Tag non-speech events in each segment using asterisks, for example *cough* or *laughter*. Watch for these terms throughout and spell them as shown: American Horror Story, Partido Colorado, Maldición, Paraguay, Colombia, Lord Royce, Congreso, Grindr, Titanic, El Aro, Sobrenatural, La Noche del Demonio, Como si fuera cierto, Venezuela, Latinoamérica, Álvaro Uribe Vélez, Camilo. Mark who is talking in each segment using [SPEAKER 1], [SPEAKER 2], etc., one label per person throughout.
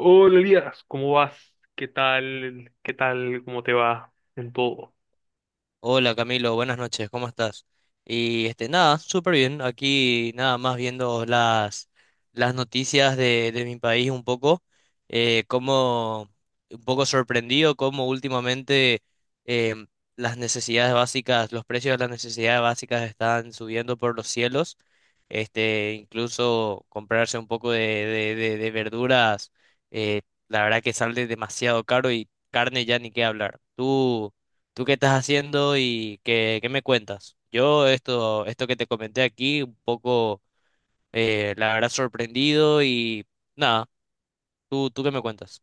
[SPEAKER 1] Hola Elías, ¿cómo vas? ¿Qué tal? ¿Qué tal? ¿Cómo te va en todo?
[SPEAKER 2] Hola Camilo, buenas noches, ¿cómo estás? Y este, nada, súper bien, aquí nada más viendo las noticias de mi país un poco, como un poco sorprendido cómo últimamente em, las necesidades básicas, los precios de las necesidades básicas están subiendo por los cielos, este, incluso comprarse un poco de verduras, eh, la verdad que sale demasiado caro y carne ya ni qué hablar. ¿Tú? ¿Tú qué estás haciendo y qué me cuentas? Esto que te comenté aquí, un poco, la verdad, sorprendido y nada, tú qué me cuentas?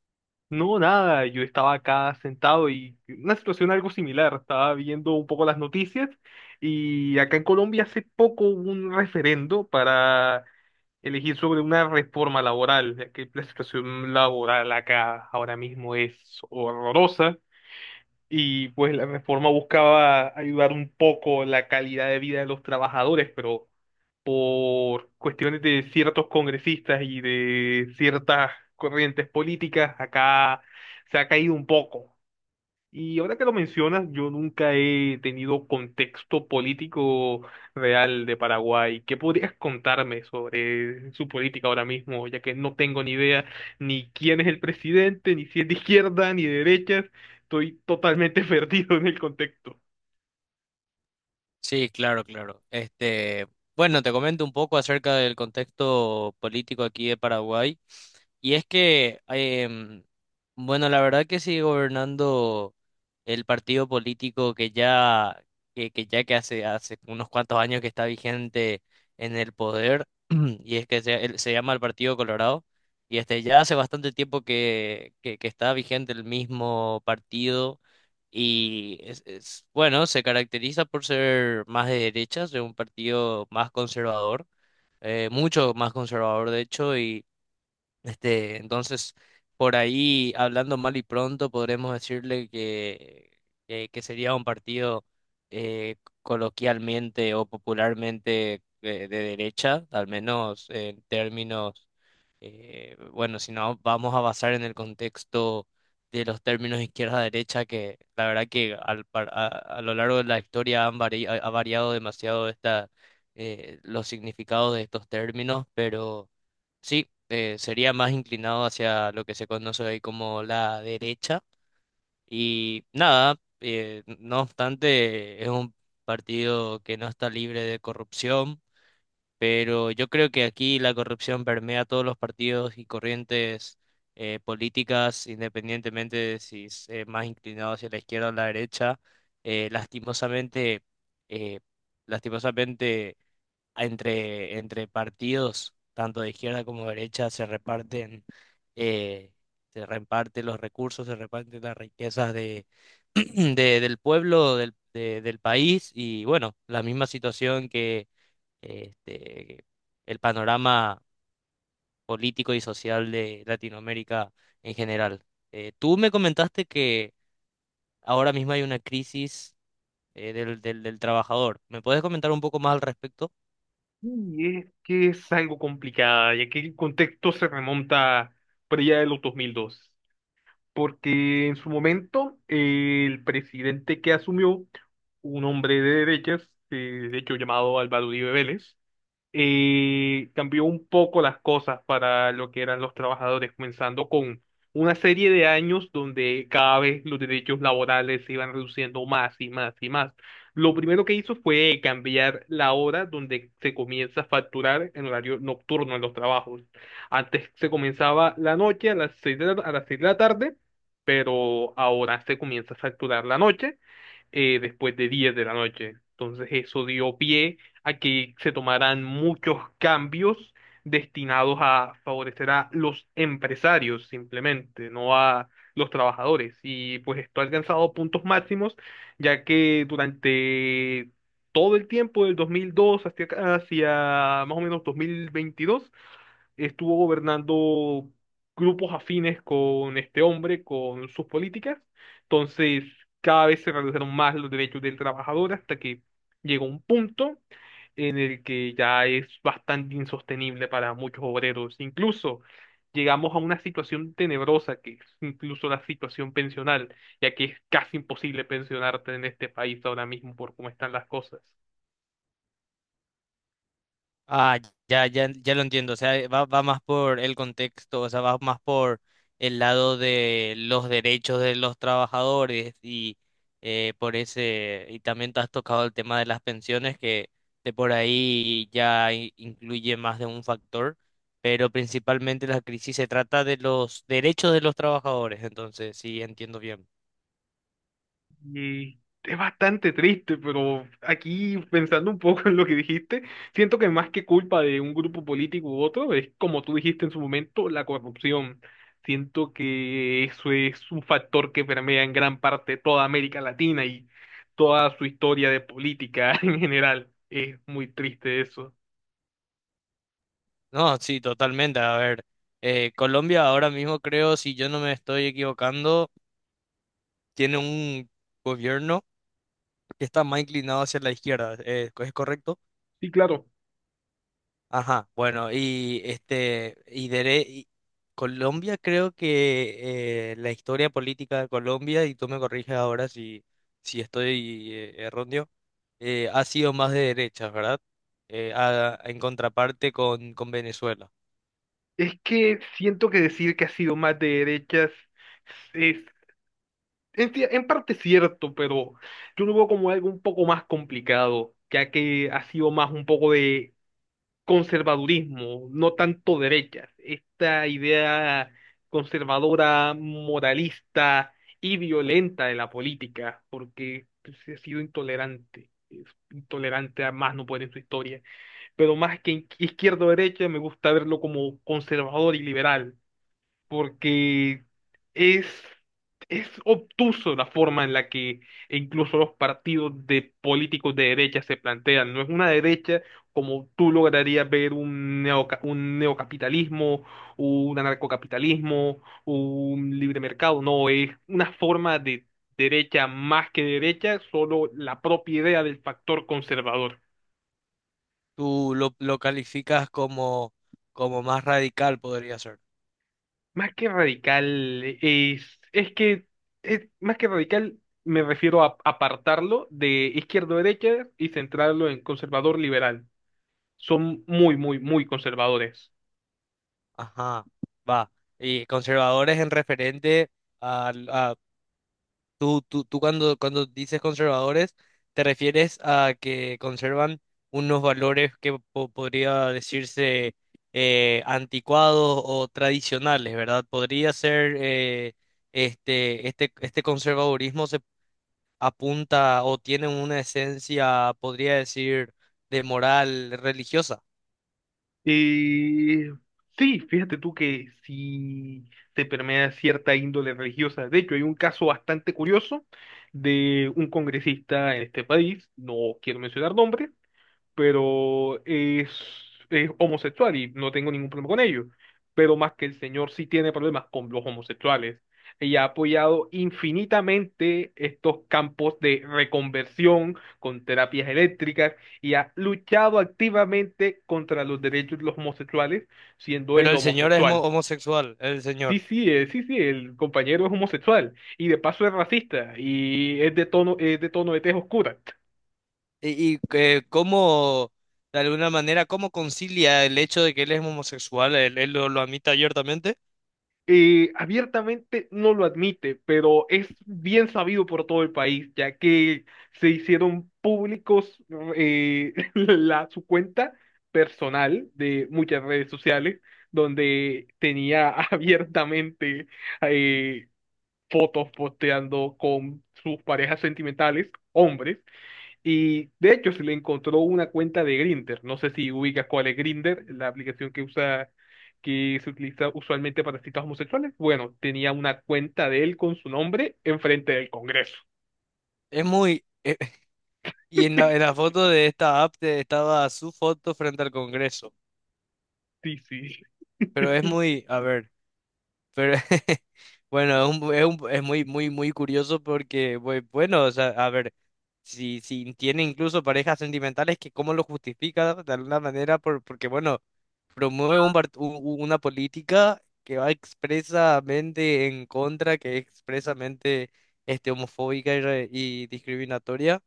[SPEAKER 1] No, nada, yo estaba acá sentado y una situación algo similar. Estaba viendo un poco las noticias y acá en Colombia hace poco hubo un referendo para elegir sobre una reforma laboral, ya que la situación laboral acá ahora mismo es horrorosa y pues la reforma buscaba ayudar un poco la calidad de vida de los trabajadores, pero por cuestiones de ciertos congresistas y de ciertas corrientes políticas, acá se ha caído un poco. Y ahora que lo mencionas, yo nunca he tenido contexto político real de Paraguay. ¿Qué podrías contarme sobre su política ahora mismo? Ya que no tengo ni idea ni quién es el presidente, ni si es de izquierda, ni de derecha. Estoy totalmente *laughs* perdido en el contexto.
[SPEAKER 2] Sí, claro, claro. Este, bueno, te comento un poco acerca del contexto político aquí de Paraguay. Y es que, bueno, la verdad que sigue gobernando el partido político que hace unos cuantos años que está vigente en el poder *clears throat* y es que se llama el Partido Colorado y este ya hace bastante tiempo que está vigente el mismo partido. Y bueno, se caracteriza por ser más de derechas, de un partido más conservador, mucho más conservador de hecho, y este, entonces por ahí, hablando mal y pronto, podremos decirle que sería un partido eh, coloquialmente o popularmente de derecha, al menos en términos bueno, si no, vamos a basar en el contexto de los términos izquierda-derecha, que la verdad que a lo largo de la historia han vari- ha ha variado demasiado esta, los significados de estos términos, pero sí, sería más inclinado hacia lo que se conoce hoy como la derecha. Y nada, no obstante, es un partido que no está libre de corrupción, pero yo creo que aquí la corrupción permea todos los partidos y corrientes políticas, independientemente de si es más inclinado hacia la izquierda o la derecha. Lastimosamente, eh, lastimosamente entre partidos, tanto de izquierda como derecha, eh, se reparten los recursos, se reparten las riquezas de, *clears throat* del pueblo, del país, y bueno, la misma situación este, el panorama político y social de Latinoamérica en general. Tú me comentaste que ahora mismo hay una crisis del trabajador. ¿Me puedes comentar un poco más al respecto?
[SPEAKER 1] Y es que es algo complicada, ya que el contexto se remonta para allá de los 2002, porque en su momento el presidente que asumió, un hombre de derechas, de hecho llamado Álvaro Uribe Vélez, cambió un poco las cosas para lo que eran los trabajadores, comenzando con una serie de años donde cada vez los derechos laborales se iban reduciendo más y más y más. Lo primero que hizo fue cambiar la hora donde se comienza a facturar en horario nocturno en los trabajos. Antes se comenzaba la noche a las seis de la- a las seis de la tarde, pero ahora se comienza a facturar la noche después de 10 de la noche. Entonces eso dio pie a que se tomaran muchos cambios destinados a favorecer a los empresarios simplemente, no a los trabajadores. Y pues esto ha alcanzado puntos máximos, ya que durante todo el tiempo del 2002 hasta acá- hacia más o menos 2022, estuvo gobernando grupos afines con este hombre, con sus políticas. Entonces, cada vez se redujeron más los derechos del trabajador hasta que llegó un punto en el que ya es bastante insostenible para muchos obreros. Incluso llegamos a una situación tenebrosa que es incluso la situación pensional, ya que es casi imposible pensionarte en este país ahora mismo por cómo están las cosas.
[SPEAKER 2] Ah, ya, ya, ya lo entiendo. O sea, va más por el contexto, o sea, va más por el lado de los derechos de los trabajadores y por ese, y también te has tocado el tema de las pensiones, que de por ahí incluye más de un factor, pero principalmente la crisis se trata de los derechos de los trabajadores, entonces sí, entiendo bien.
[SPEAKER 1] Y es bastante triste, pero aquí pensando un poco en lo que dijiste, siento que más que culpa de un grupo político u otro, es como tú dijiste en su momento, la corrupción. Siento que eso es un factor que permea en gran parte toda América Latina y toda su historia de política *laughs* en general. Es muy triste eso.
[SPEAKER 2] No, sí, totalmente. A ver, Colombia ahora mismo creo, si yo no me estoy equivocando, tiene un gobierno que está más inclinado hacia la izquierda, ¿es correcto?
[SPEAKER 1] Sí, claro.
[SPEAKER 2] Ajá, bueno, y este, Colombia creo que la historia política de Colombia, y tú me corriges ahora si, si estoy erróneo, ha sido más de derechas, ¿verdad? En contraparte con Venezuela.
[SPEAKER 1] Es que siento que decir que ha sido más de derechas en, cier- en parte cierto, pero yo lo veo como algo un poco más complicado, ya que ha sido más un poco de conservadurismo, no tanto derechas. Esta idea conservadora, moralista y violenta de la política, porque se ha sido intolerante, es intolerante a más no poder en su historia. Pero más que izquierda o derecha, me gusta verlo como conservador y liberal porque es, es obtuso la forma en la que incluso los partidos de políticos de derecha se plantean. No es una derecha como tú lograrías ver un neoca- un neocapitalismo, un anarcocapitalismo, un libre mercado. No, es una forma de derecha más que derecha, solo la propia idea del factor conservador.
[SPEAKER 2] Lo calificas como, como más radical, podría ser.
[SPEAKER 1] Más que radical, más que radical, me refiero a apartarlo de izquierdo-derecha y centrarlo en conservador-liberal. Son muy, muy, muy conservadores.
[SPEAKER 2] Ajá, va. Y conservadores en referente a, tú cuando dices conservadores, te refieres a que conservan unos valores que podría decirse anticuados o tradicionales, ¿verdad? Podría ser este conservadurismo se apunta o tiene una esencia, podría decir, de moral religiosa.
[SPEAKER 1] Y sí, fíjate tú que sí se permea cierta índole religiosa. De hecho, hay un caso bastante curioso de un congresista en este país, no quiero mencionar nombres, pero es, es homosexual y no tengo ningún problema con ello. Pero más que el señor sí tiene problemas con los homosexuales y ha apoyado infinitamente estos campos de reconversión con terapias eléctricas y ha luchado activamente contra los derechos de los homosexuales, siendo
[SPEAKER 2] Pero
[SPEAKER 1] él
[SPEAKER 2] el señor es
[SPEAKER 1] homosexual.
[SPEAKER 2] homosexual, el
[SPEAKER 1] Sí,
[SPEAKER 2] señor.
[SPEAKER 1] sí, sí, sí, el compañero es homosexual y de paso es racista y es de tono de tez oscura.
[SPEAKER 2] Cómo, de alguna manera, ¿cómo concilia el hecho de que él es homosexual? Él, lo admite abiertamente.
[SPEAKER 1] Abiertamente no lo admite, pero es bien sabido por todo el país, ya que se hicieron públicos *laughs* su cuenta personal de muchas redes sociales, donde tenía *laughs* abiertamente eh, fotos posteando con sus parejas sentimentales, hombres, y de hecho se le encontró una cuenta de Grindr. No sé si ubicas cuál es Grindr, la aplicación que usa, que se utiliza usualmente para citas homosexuales. Bueno, tenía una cuenta de él con su nombre enfrente del Congreso.
[SPEAKER 2] Es muy... *laughs* y en en la
[SPEAKER 1] *laughs*
[SPEAKER 2] foto de esta app estaba su foto frente al Congreso,
[SPEAKER 1] Sí, sí.
[SPEAKER 2] pero es muy... A ver. Pero *laughs* bueno, es muy, muy, muy curioso porque, bueno, o sea, a ver, si, si tiene incluso parejas sentimentales, que cómo lo justifica de alguna manera, porque, bueno, promueve un part- u- u- una política que va expresamente en contra, que es expresamente este, homofóbica y discriminatoria,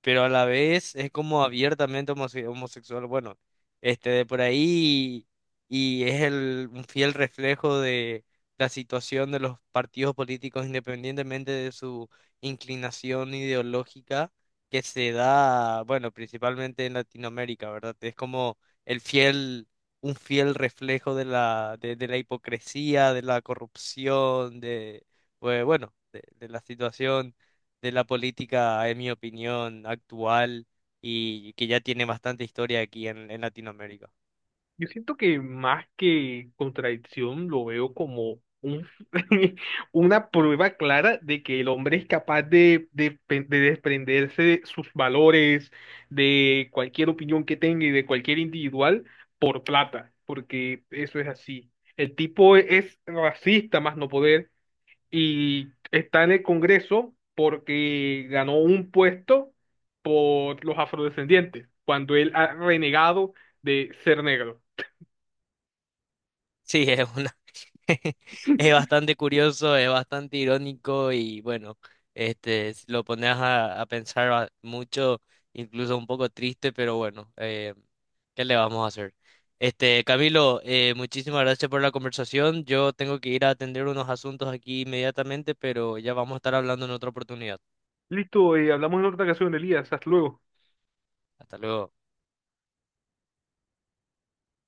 [SPEAKER 2] pero a la vez es como abiertamente homosexual. Bueno, este de por ahí y es un fiel reflejo de la situación de los partidos políticos, independientemente de su inclinación ideológica, que se da, bueno, principalmente en Latinoamérica, ¿verdad? Es como el fiel, un fiel reflejo de la hipocresía, de la corrupción, de, bueno, de la situación de la política, en mi opinión, actual, y que ya tiene bastante historia aquí en Latinoamérica.
[SPEAKER 1] Yo siento que más que contradicción lo veo como *laughs* una prueba clara de que el hombre es capaz de desprenderse de sus valores, de cualquier opinión que tenga y de cualquier individual por plata, porque eso es así. El tipo es racista más no poder y está en el Congreso porque ganó un puesto por los afrodescendientes, cuando él ha renegado de ser negro.
[SPEAKER 2] Sí, es una... *laughs* es bastante curioso, es bastante irónico y bueno, este, si lo pones a pensar mucho, incluso un poco triste, pero bueno, ¿qué le vamos a hacer? Este, Camilo, muchísimas gracias por la conversación. Yo tengo que ir a atender unos asuntos aquí inmediatamente, pero ya vamos a estar hablando en otra oportunidad.
[SPEAKER 1] Listo, hablamos en otra ocasión, Elías. Hasta luego.
[SPEAKER 2] Hasta luego.